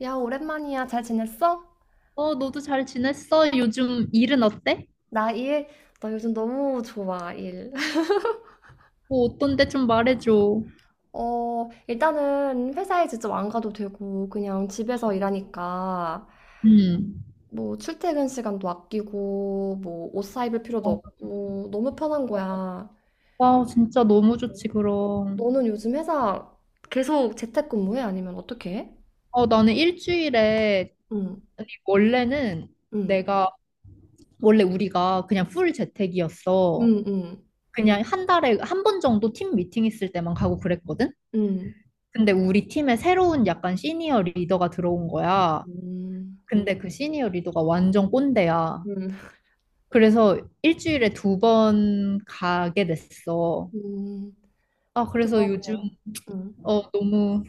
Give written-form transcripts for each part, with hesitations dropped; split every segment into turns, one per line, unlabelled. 야, 오랜만이야. 잘 지냈어?
어, 너도 잘 지냈어? 요즘 일은 어때?
나 일, 나 요즘 너무 좋아, 일.
뭐 어떤데 좀 말해줘.
일단은 회사에 직접 안 가도 되고, 그냥 집에서 일하니까,
음.
뭐, 출퇴근 시간도 아끼고, 뭐, 옷 사입을 필요도
어,
없고, 너무 편한 거야.
아, 진짜 너무 좋지, 그럼.
너는 요즘 회사 계속 재택근무해? 아니면 어떻게 해?
어, 나는 일주일에,
응,
아니,
응,
내가, 원래 우리가 그냥 풀 재택이었어.
응, 응,
그냥 한 달에 한 번 정도 팀 미팅 있을 때만 가고 그랬거든?
응,
근데 우리 팀에 새로운 약간 시니어 리더가 들어온 거야.
응,
근데 그 시니어 리더가 완전 꼰대야.
응,
그래서 일주일에 두 번 가게 됐어.
응.
아, 그래서
그거
요즘
그냥. 응.
너무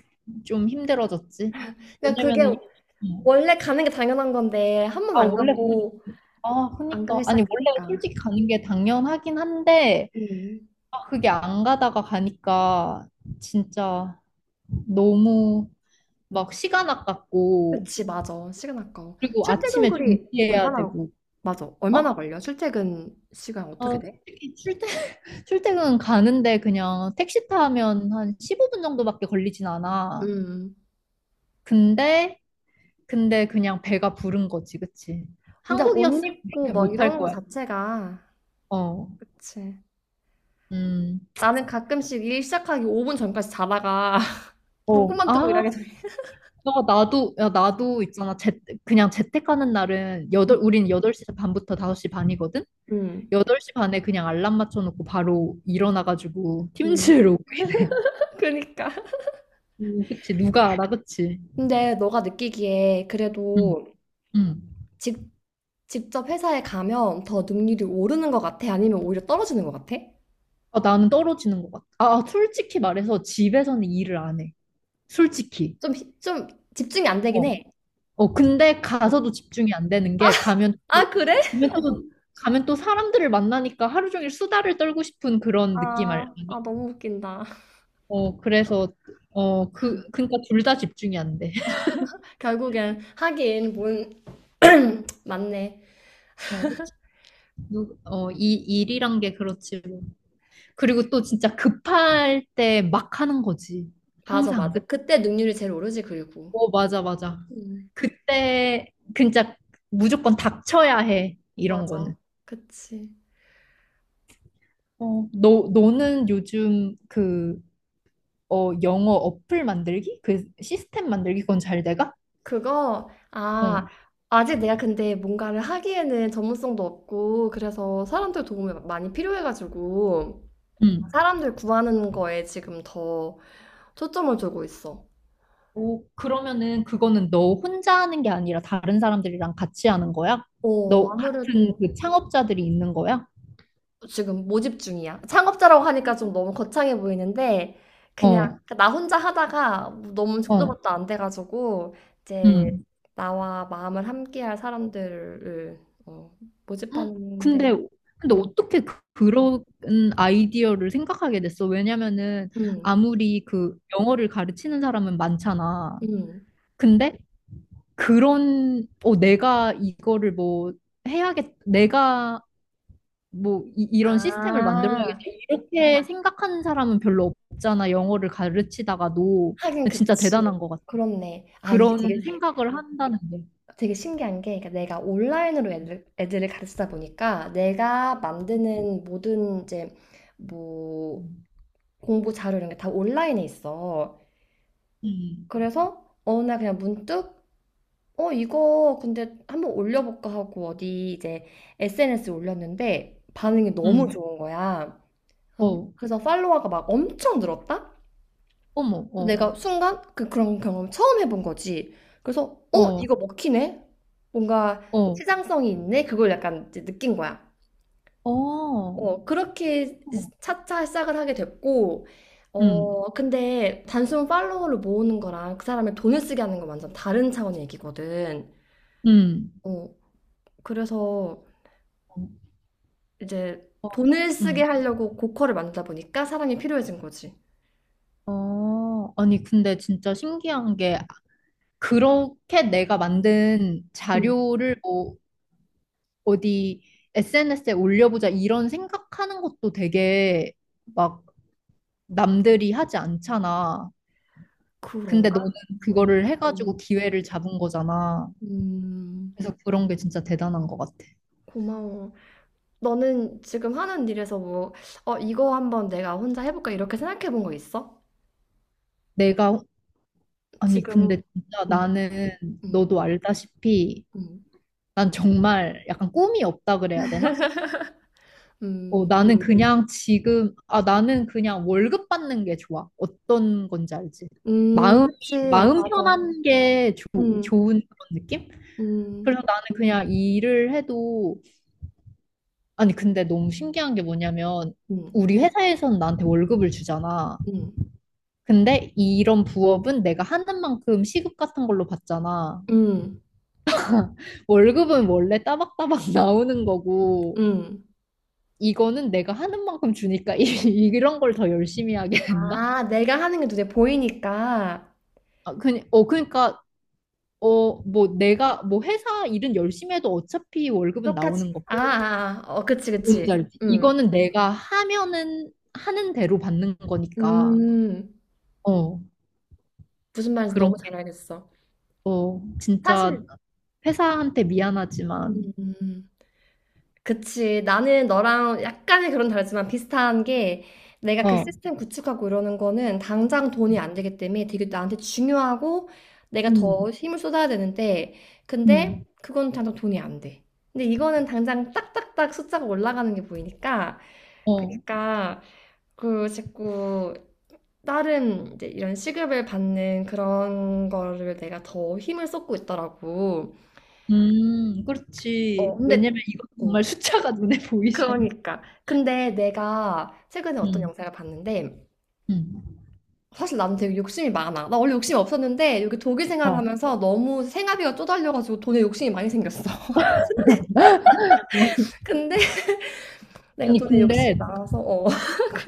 좀 힘들어졌지.
그러니까 그게
왜냐면은 음.
원래 가는 게 당연한 건데 한 번
아
안
원래 그
가고
아
안
그니까
가기
아니 원래
시작하니까.
솔직히 가는 게 당연하긴 한데,
음.
그게 안 가다가 가니까 진짜 너무 막 시간 아깝고,
그치, 맞아. 시간 아까워.
그리고
출퇴근
아침에
거리
준비해야
얼마나,
되고.
맞아.
어?
얼마나 걸려? 출퇴근 시간 어떻게
아
돼?
히 출퇴 출퇴근 가는데 그냥 택시 타면 한 15분 정도밖에 걸리진 않아.
음.
근데 근데 그냥 배가 부른 거지, 그치?
근데
한국이었으면
옷 입고
그렇게
뭐
못 할
이런 거
거야.
자체가,
어,
그치.
음,
나는 가끔씩 일 시작하기 5분 전까지 자다가
어,
눈곱만 뜨고
아,
일하게 돼.
나도. 야, 나도 있잖아. 그냥 재택 가는 날은, 우린 8시 반부터 5시 반이거든?
음.
8시 반에 그냥 알람 맞춰놓고 바로 일어나가지고
음.
팀즈를 오고 이래.
그러니까.
그치? 누가 알아, 그치?
근데 너가 느끼기에
응,
그래도
응.
직 직접 회사에 가면 더 능률이 오르는 것 같아? 아니면 오히려 떨어지는 것 같아?
아, 나는 떨어지는 것 같아. 아, 솔직히 말해서 집에서는 일을 안 해. 솔직히.
좀 집중이 안 되긴
어.
해.
어, 근데
어.
가서도 집중이 안 되는 게,
아, 그래?
가면
아, 너-
또, 가면 또 사람들을 만나니까 하루 종일 수다를 떨고 싶은 그런 느낌 아니?
아, 아, 너무 웃긴다.
어, 그래서, 어, 그러니까 둘 다 집중이 안 돼.
결국엔 하긴 뭔 맞네.
어, 그치. 어, 이 일이란 게 그렇지. 뭐. 그리고 또 진짜 급할 때 막 하는 거지.
맞아,
항상.
맞아.
그,
그때 능률이 제일 오르지, 그리고.
어, 맞아, 맞아.
음,
그때 진짜 무조건 닥쳐야 해, 이런
맞아.
거는.
그치.
어, 너는 요즘 그, 어, 영어 어플 만들기? 그 시스템 만들기, 그건 잘 돼가?
그거, 아,
어.
아직 내가 근데 뭔가를 하기에는 전문성도 없고, 그래서 사람들 도움이 많이 필요해가지고,
음.
사람들 구하는 거에 지금 더 초점을 두고 있어.
오, 그러면은 그거는 너 혼자 하는 게 아니라 다른 사람들이랑 같이 하는 거야?
어,
너 같은
아무래도
그 창업자들이 있는 거야?
지금 모집 중이야. 창업자라고 하니까 좀 너무 거창해 보이는데, 그냥
어,
그러니까 나 혼자 하다가 너무
어,
죽도밥도 안 돼가지고, 이제
음.
나와 마음을 함께할 사람들을 어,
헉. 근데,
모집하는데,
근데
음,
어떻게 그런 아이디어를 생각하게 됐어? 왜냐면은
음,
아무리 그 영어를 가르치는 사람은 많잖아.
음.
근데 그런, 어, 내가 이거를 뭐 내가 뭐 이, 런 시스템을 만들어야겠다
아,
이렇게 생각하는 사람은 별로 없잖아, 영어를 가르치다가도.
하긴
진짜
그치.
대단한 것 같아,
그렇네. 아, 이게
그런
되게
생각을 한다는 게.
되게 신기한 게, 그러니까 내가 온라인으로 애들을 가르치다 보니까 내가 만드는 모든 이제 뭐
음,
공부 자료 이런 게 다 온라인에 있어.
음,
그래서 어느 날 그냥 문득 이거 근데 한번 올려볼까 하고 어디 이제 SNS에 올렸는데 반응이 너무
음.
좋은 거야. 그래서,
어,
그래서 팔로워가 막 엄청 늘었다?
어머, 어,
내가 순간 그런 경험을 처음 해본 거지. 그래서
어,
이거 먹히네. 뭔가
어,
시장성이 있네.' 그걸 약간 이제 느낀 거야.
어,
그렇게
어,
차차 시작을 하게 됐고
음,
근데 단순 팔로워를 모으는 거랑 그 사람의 돈을 쓰게 하는 건 완전 다른 차원의 얘기거든.
음,
어 그래서
어,
이제
어,
돈을 쓰게
음,
하려고 고퀄을 만들다 보니까 사랑이 필요해진 거지.
어. 아니 근데 진짜 신기한 게, 그렇게 내가 만든
음.
자료를 뭐 어디 SNS에 올려보자 이런 생각하는 것도 되게 막 남들이 하지 않잖아. 근데
그런가?
너는
음.
그거를 해가지고 기회를 잡은 거잖아.
음.
그래서 그런 게 진짜 대단한 것 같아.
고마워. 너는 지금 하는 일에서 뭐, 이거 한번 내가 혼자 해볼까? 이렇게 생각해 본 거 있어?
내가, 아니,
지금,
근데 진짜
음,
나는,
음,
너도 알다시피
음,
난 정말 약간 꿈이 없다 그래야 되나? 어,
음,
나는 그냥 지금, 아, 나는 그냥 월급 받는 게 좋아. 어떤 건지 알지? 마음,
그치,
마음
맞아.
편한 게
음,
좋은 그런 느낌?
음,
그래서 나는 그냥 일을 해도, 아니 근데 너무 신기한 게 뭐냐면,
음,
우리 회사에서는 나한테 월급을 주잖아.
음,
근데 이런 부업은 내가 하는 만큼 시급 같은 걸로 받잖아.
음,
월급은 원래 따박따박 나오는 거고,
음.
이거는 내가 하는 만큼 주니까 이런 걸 더 열심히 하게 된다.
아, 내가 하는 게 눈에 보이니까
아, 어, 그러니까 어 뭐 내가 뭐 회사 일은 열심히 해도 어차피 월급은
똑같이.
나오는
아,
거고.
아, 아. 어, 그치,
뭔지
그치.
알지?
음,
이거는 내가 하면은 하는 대로 받는 거니까.
음.
어,
무슨 말인지
그런
너무
게,
잘 알겠어.
어, 진짜
사실,
회사한테 미안하지만.
음. 그치. 나는 너랑 약간의 그런 다르지만 비슷한 게 내가 그
어,
시스템 구축하고 이러는 거는 당장 돈이 안 되기 때문에 되게 나한테 중요하고 내가 더
음,
힘을 쏟아야 되는데 근데
음,
그건 당장 돈이 안 돼. 근데 이거는 당장 딱딱딱 숫자가 올라가는 게 보이니까
어,
그러니까 그 자꾸 다른 이제 이런 시급을 받는 그런 거를 내가 더 힘을 쏟고 있더라고. 어,
그렇지.
근데
왜냐면 이거
어,
정말 숫자가 눈에 보이잖아.
그러니까. 근데 내가 최근에 어떤
음,
영상을 봤는데,
음,
사실 나는 되게 욕심이 많아. 나 원래 욕심이 없었는데, 여기 독일 생활을
어.
하면서 너무 생활비가 쪼달려가지고 돈에 욕심이 많이 생겼어. 근데 내가
아니,
돈에 욕심이
근데
많아서, 어.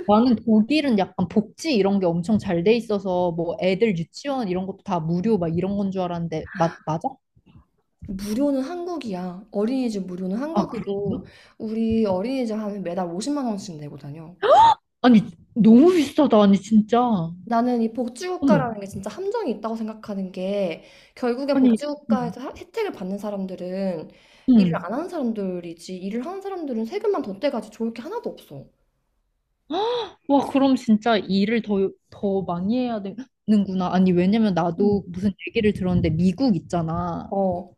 나는 독일은 약간 복지 이런 게 엄청 잘 돼 있어서 뭐 애들 유치원 이런 것도 다 무료 막 이런 건 줄 알았는데, 맞아?
무료는 한국이야. 어린이집 무료는
아, 그래?
한국이고, 우리 어린이집 하면 매달 50만 원씩 내고 다녀.
아니, 너무 비싸다. 아니, 진짜. 어머.
나는 이 복지국가라는 게 진짜 함정이 있다고 생각하는 게 결국엔
아니, 음,
복지국가에서 혜택을 받는 사람들은 일을
음.
안 하는 사람들이지 일을 하는 사람들은 세금만 더 떼가지 좋을 게 하나도 없어.
와, 그럼 진짜 일을 더 많이 해야 되는구나. 아니, 왜냐면
응
나도 무슨 얘기를 들었는데, 미국 있잖아.
어,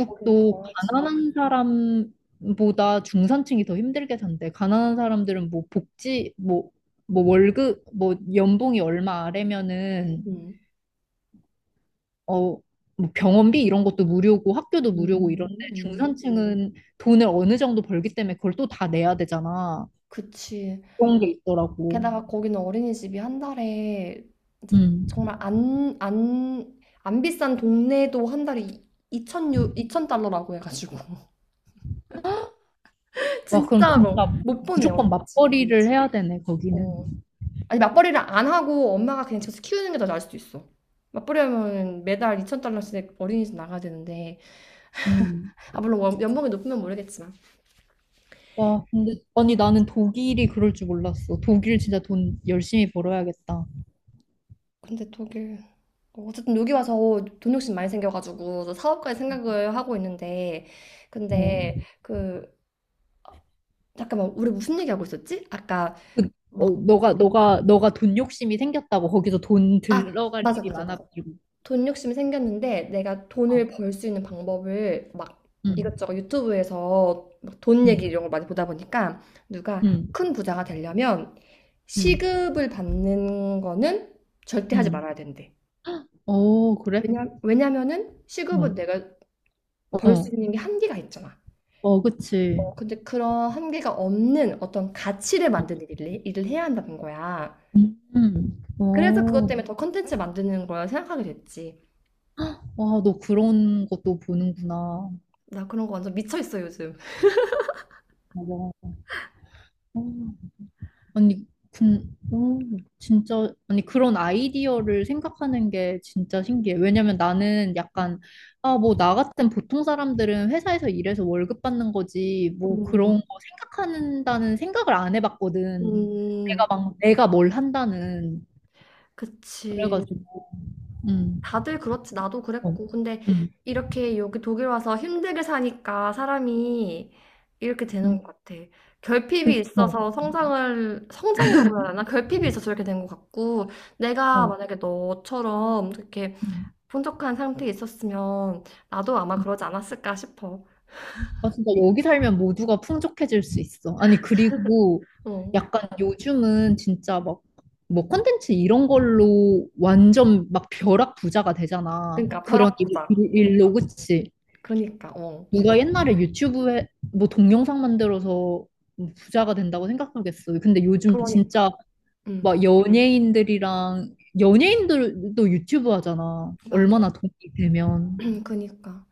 거긴 더하지.
가난한 사람보다 중산층이 더 힘들게 산대. 가난한 사람들은 뭐 복지, 뭐, 뭐 연봉이 얼마 아래면은
응
어, 뭐 병원비 이런 것도 무료고 학교도
음,
무료고 이런데,
음.
중산층은 돈을 어느 정도 벌기 때문에 그걸 또 다 내야 되잖아.
그치.
그런 게 있더라고.
게다가 거기는 어린이집이 한 달에 이제
음.
정말 안 비싼 동네도 한 달에 2천0 0달러라고 해가지고.
와, 그럼
진짜로.
진짜
못 보내,
무조건
어린이집에.
맞벌이를 해야 되네, 거기는.
어. 아니 맞벌이를 안 하고 엄마가 그냥 집에서 키우는 게 더 나을 수도 있어. 맞벌이 하면 매달 2천 달러씩 어린이집 나가야 되는데
음.
물론 연봉이 높으면 모르겠지만
와, 근데, 아니, 나는 독일이 그럴 줄 몰랐어. 독일 진짜 돈 열심히 벌어야겠다.
근데 독일 어쨌든 여기 와서 돈 욕심 많이 생겨가지고 저 사업까지 생각을 하고 있는데
어,
근데 그 잠깐만 우리 무슨 얘기하고 있었지? 아까
그, 어,
막
너가 돈 욕심이 생겼다고 거기서 돈 들어갈
맞아
일이
맞아 맞아
많아가지고.
돈 욕심이 생겼는데 내가
어,
돈을 벌 수 있는 방법을 막
응,
이것저것 유튜브에서 막 돈 얘기
응,
이런 걸 많이 보다 보니까 누가
응,
큰 부자가 되려면
응,
시급을 받는 거는 절대 하지
응.
말아야 된대.
어, 그래?
왜냐면은 시급은
어.
내가 벌 수
어,
있는 게 한계가 있잖아.
어, 그치.
근데 그런 한계가 없는 어떤 가치를 만드는 일을 해야 한다는 거야. 그래서 그것
어,
때문에 더 컨텐츠 만드는 걸 생각하게 됐지.
와, 너 그런 것도 보는구나.
나 그런 거 완전 미쳐 있어, 요즘.
맞아. 어, 아니, 어, 진짜, 아니, 그런 아이디어를 생각하는 게 진짜 신기해. 왜냐면 나는 약간, 아, 뭐, 나 같은 보통 사람들은 회사에서 일해서 월급 받는 거지, 뭐, 그런
음,
거 생각한다는 생각을 안 해봤거든.
음,
내가 뭘 한다는.
그치.
그래가지고, 음,
다들 그렇지. 나도
어,
그랬고. 근데
음,
이렇게 여기 독일 와서 힘들게 사니까 사람이 이렇게 되는
음.
것 같아. 결핍이
어,
있어서 성장이라고 해야 되나? 결핍이 있어서 이렇게 된 것 같고, 내가
어.
만약에 너처럼 이렇게
음.
풍족한 상태에 있었으면 나도 아마 그러지 않았을까 싶어.
아, 진짜 여기 살면 모두가 풍족해질 수 있어. 아니, 그리고
어.
약간 요즘은 진짜 막, 뭐 컨텐츠 이런 걸로 완전 막 벼락 부자가 되잖아.
그러니까
그런
벼락 부자.
일로, 그치?
그러니까, 어.
누가 옛날에 유튜브에 뭐 동영상 만들어서 부자가 된다고 생각하겠어. 근데 요즘 진짜
그러니까. 응.
막 연예인들도 유튜브 하잖아.
맞아.
얼마나 돈이 되면.
응, 그니까.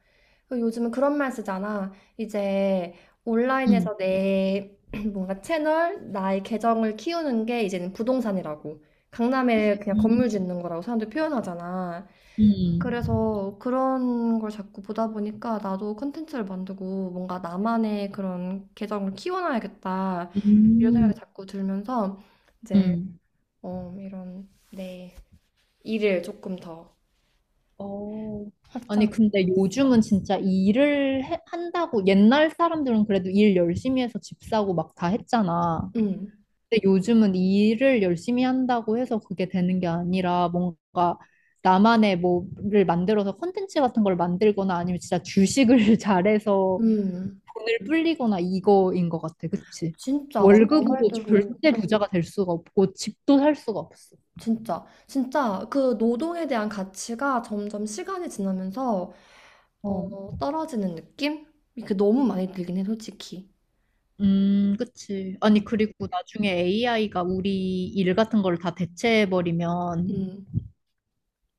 그 요즘은 그런 말 쓰잖아. 이제 온라인에서 내 뭔가 채널, 나의 계정을 키우는 게 이제는 부동산이라고. 강남에 그냥
응.
건물 짓는 거라고 사람들 표현하잖아.
음.
그래서 그런 걸 자꾸 보다 보니까 나도 콘텐츠를 만들고 뭔가 나만의 그런 계정을 키워놔야겠다.
음.
이런
음.
생각이 자꾸 들면서 이제
음.
이런 내 일을 조금 더
어. 아니,
확장.
근데 요즘은 진짜 한다고. 옛날 사람들은 그래도 일 열심히 해서 집 사고 막 다 했잖아.
응,
근데 요즘은 일을 열심히 한다고 해서 그게 되는 게 아니라, 뭔가 나만의 뭐를 만들어서 콘텐츠 같은 걸 만들거나, 아니면 진짜 주식을 잘해서
응.
돈을 불리거나 이거인 것 같아. 그치?
진짜 맞아. 너
월급으로
말대로.
절대 부자가 될 수가 없고, 집도 살 수가 없어.
진짜, 진짜 그 노동에 대한 가치가 점점 시간이 지나면서 떨어지는 느낌? 이게 너무 많이 들긴 해, 솔직히.
그치.
응,
아니, 그리고 나중에 AI가 우리 일 같은 걸 다 대체해버리면,
응,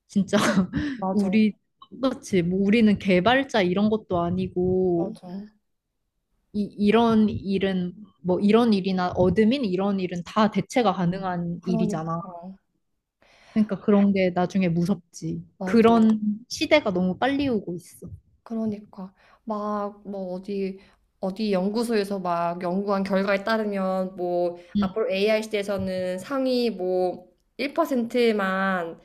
진짜,
맞아,
우리, 그치. 뭐, 우리는 개발자 이런 것도 아니고,
맞아.
이런 일은, 뭐, 이런 일이나 어드민 이런 일은 다 대체가 가능한 일이잖아.
그러니까,
그러니까 그런 게 나중에 무섭지.
맞아.
그런 시대가 너무 빨리 오고 있어.
그러니까 막 뭐 어디 어디 연구소에서 막 연구한 결과에 따르면 뭐
응,
앞으로 AI 시대에서는 상위 뭐 1%만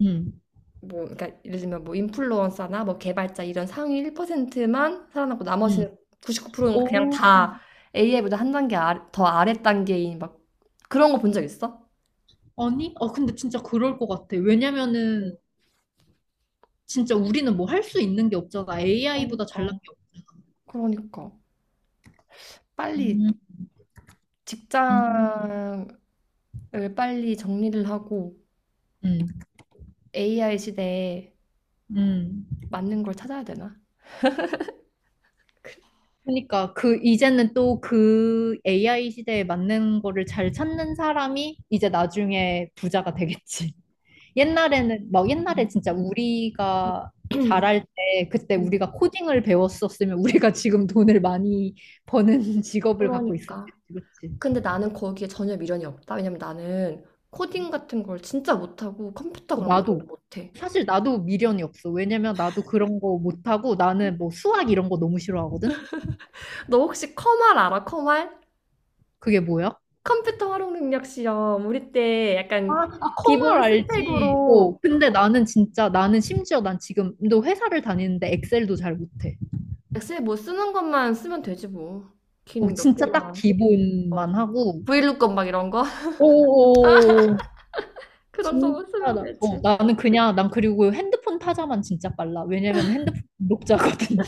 응,
뭐 그러니까 예를 들면 뭐 인플루언서나 뭐 개발자 이런 상위 1%만 살아남고
응.
나머지는 99%는 그냥
오,
다 AI보다 한 단계 아래, 더 아래 단계인 막 그런 거 본 적 있어?
아니? 아, 근데 진짜 그럴 것 같아.
어,
왜냐면은 진짜 우리는 뭐 할 수 있는 게 없잖아. AI보다 잘난
그러니까.
게 없어.
그러니까 빨리
음, 음,
직장을 빨리 정리를 하고
음,
AI 시대에
음.
맞는 걸 찾아야 되나?
그러니까 그 이제는 또 그 AI 시대에 맞는 거를 잘 찾는 사람이 이제 나중에 부자가 되겠지. 옛날에는 막 옛날에
음,
진짜 우리가
음.
잘할 때, 그때 우리가 코딩을 배웠었으면 우리가 지금 돈을 많이 버는 직업을 갖고
그러니까.
있었겠지, 그치?
근데 나는 거기에 전혀 미련이 없다. 왜냐면 나는 코딩 같은 걸 진짜 못하고 컴퓨터
어,
그런 거
나도.
너무 못해.
사실 나도 미련이 없어. 왜냐면 나도 그런 거 못하고, 나는 뭐 수학 이런 거 너무 싫어하거든?
너 혹시 컴활 알아? 컴활?
그게 뭐야?
컴퓨터 활용 능력 시험. 우리 때
아,
약간
아, 커말
기본
알지.
스펙으로
어, 근데 나는 진짜, 나는 심지어 난 지금도 회사를 다니는데 엑셀도 잘 못해.
엑셀 못 쓰는 것만 쓰면 되지 뭐.
어,
기능 몇
진짜 딱
개만. 어.
기본만 하고.
브이루건 막 이런 거?
오,
그런
진짜
거만 쓰면
나, 어,
되지.
난 그리고 핸드폰 타자만 진짜 빨라. 왜냐면 핸드폰 독자거든.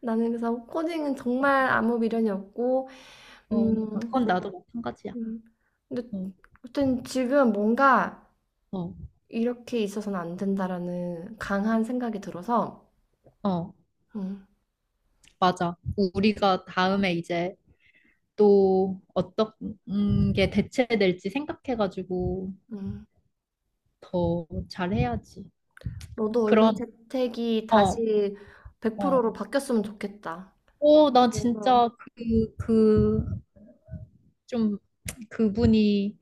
나는 그래서 코딩은 정말 아무 미련이 없고,
어,
음,
그건 나도 마찬가지야.
음. 근데
어,
아무튼 지금 뭔가
어,
이렇게 있어서는 안 된다라는 강한 생각이 들어서,
어,
음,
맞아. 우리가 다음에 이제 또 어떤 게 대체될지 생각해가지고
음.
더 잘해야지.
너도 얼른
그런,
재택이
어,
다시
어.
100%로 바뀌었으면 좋겠다.
오, 나
그래서
진짜 좀, 그분이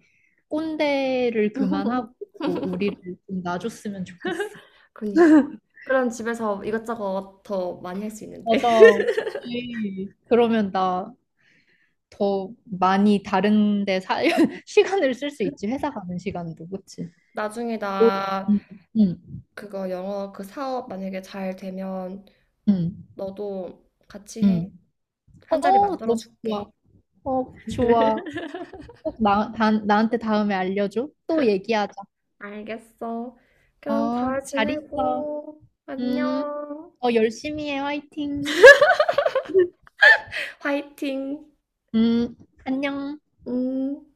꼰대를 그만하고 우리를 좀 놔줬으면 좋겠어.
그니까. 그럼 집에서 이것저것 더 많이 할 수 있는데.
맞아. 그치. 그러면 나 더 많이 다른 데 시간을 쓸 수 있지. 회사 가는 시간도. 그치?
나중에
어,
나
응, 응,
그거 영어 그 사업 만약에 잘 되면
응,
너도 같이 해.
응. 어,
한 자리 만들어
너무
줄게.
좋아. 어, 좋아. 꼭 나한테 다음에 알려줘. 또 얘기하자.
알겠어. 그럼
어,
잘
잘 있어.
지내고
음,
안녕.
어, 열심히 해. 화이팅.
화이팅.
음, 안녕.
음.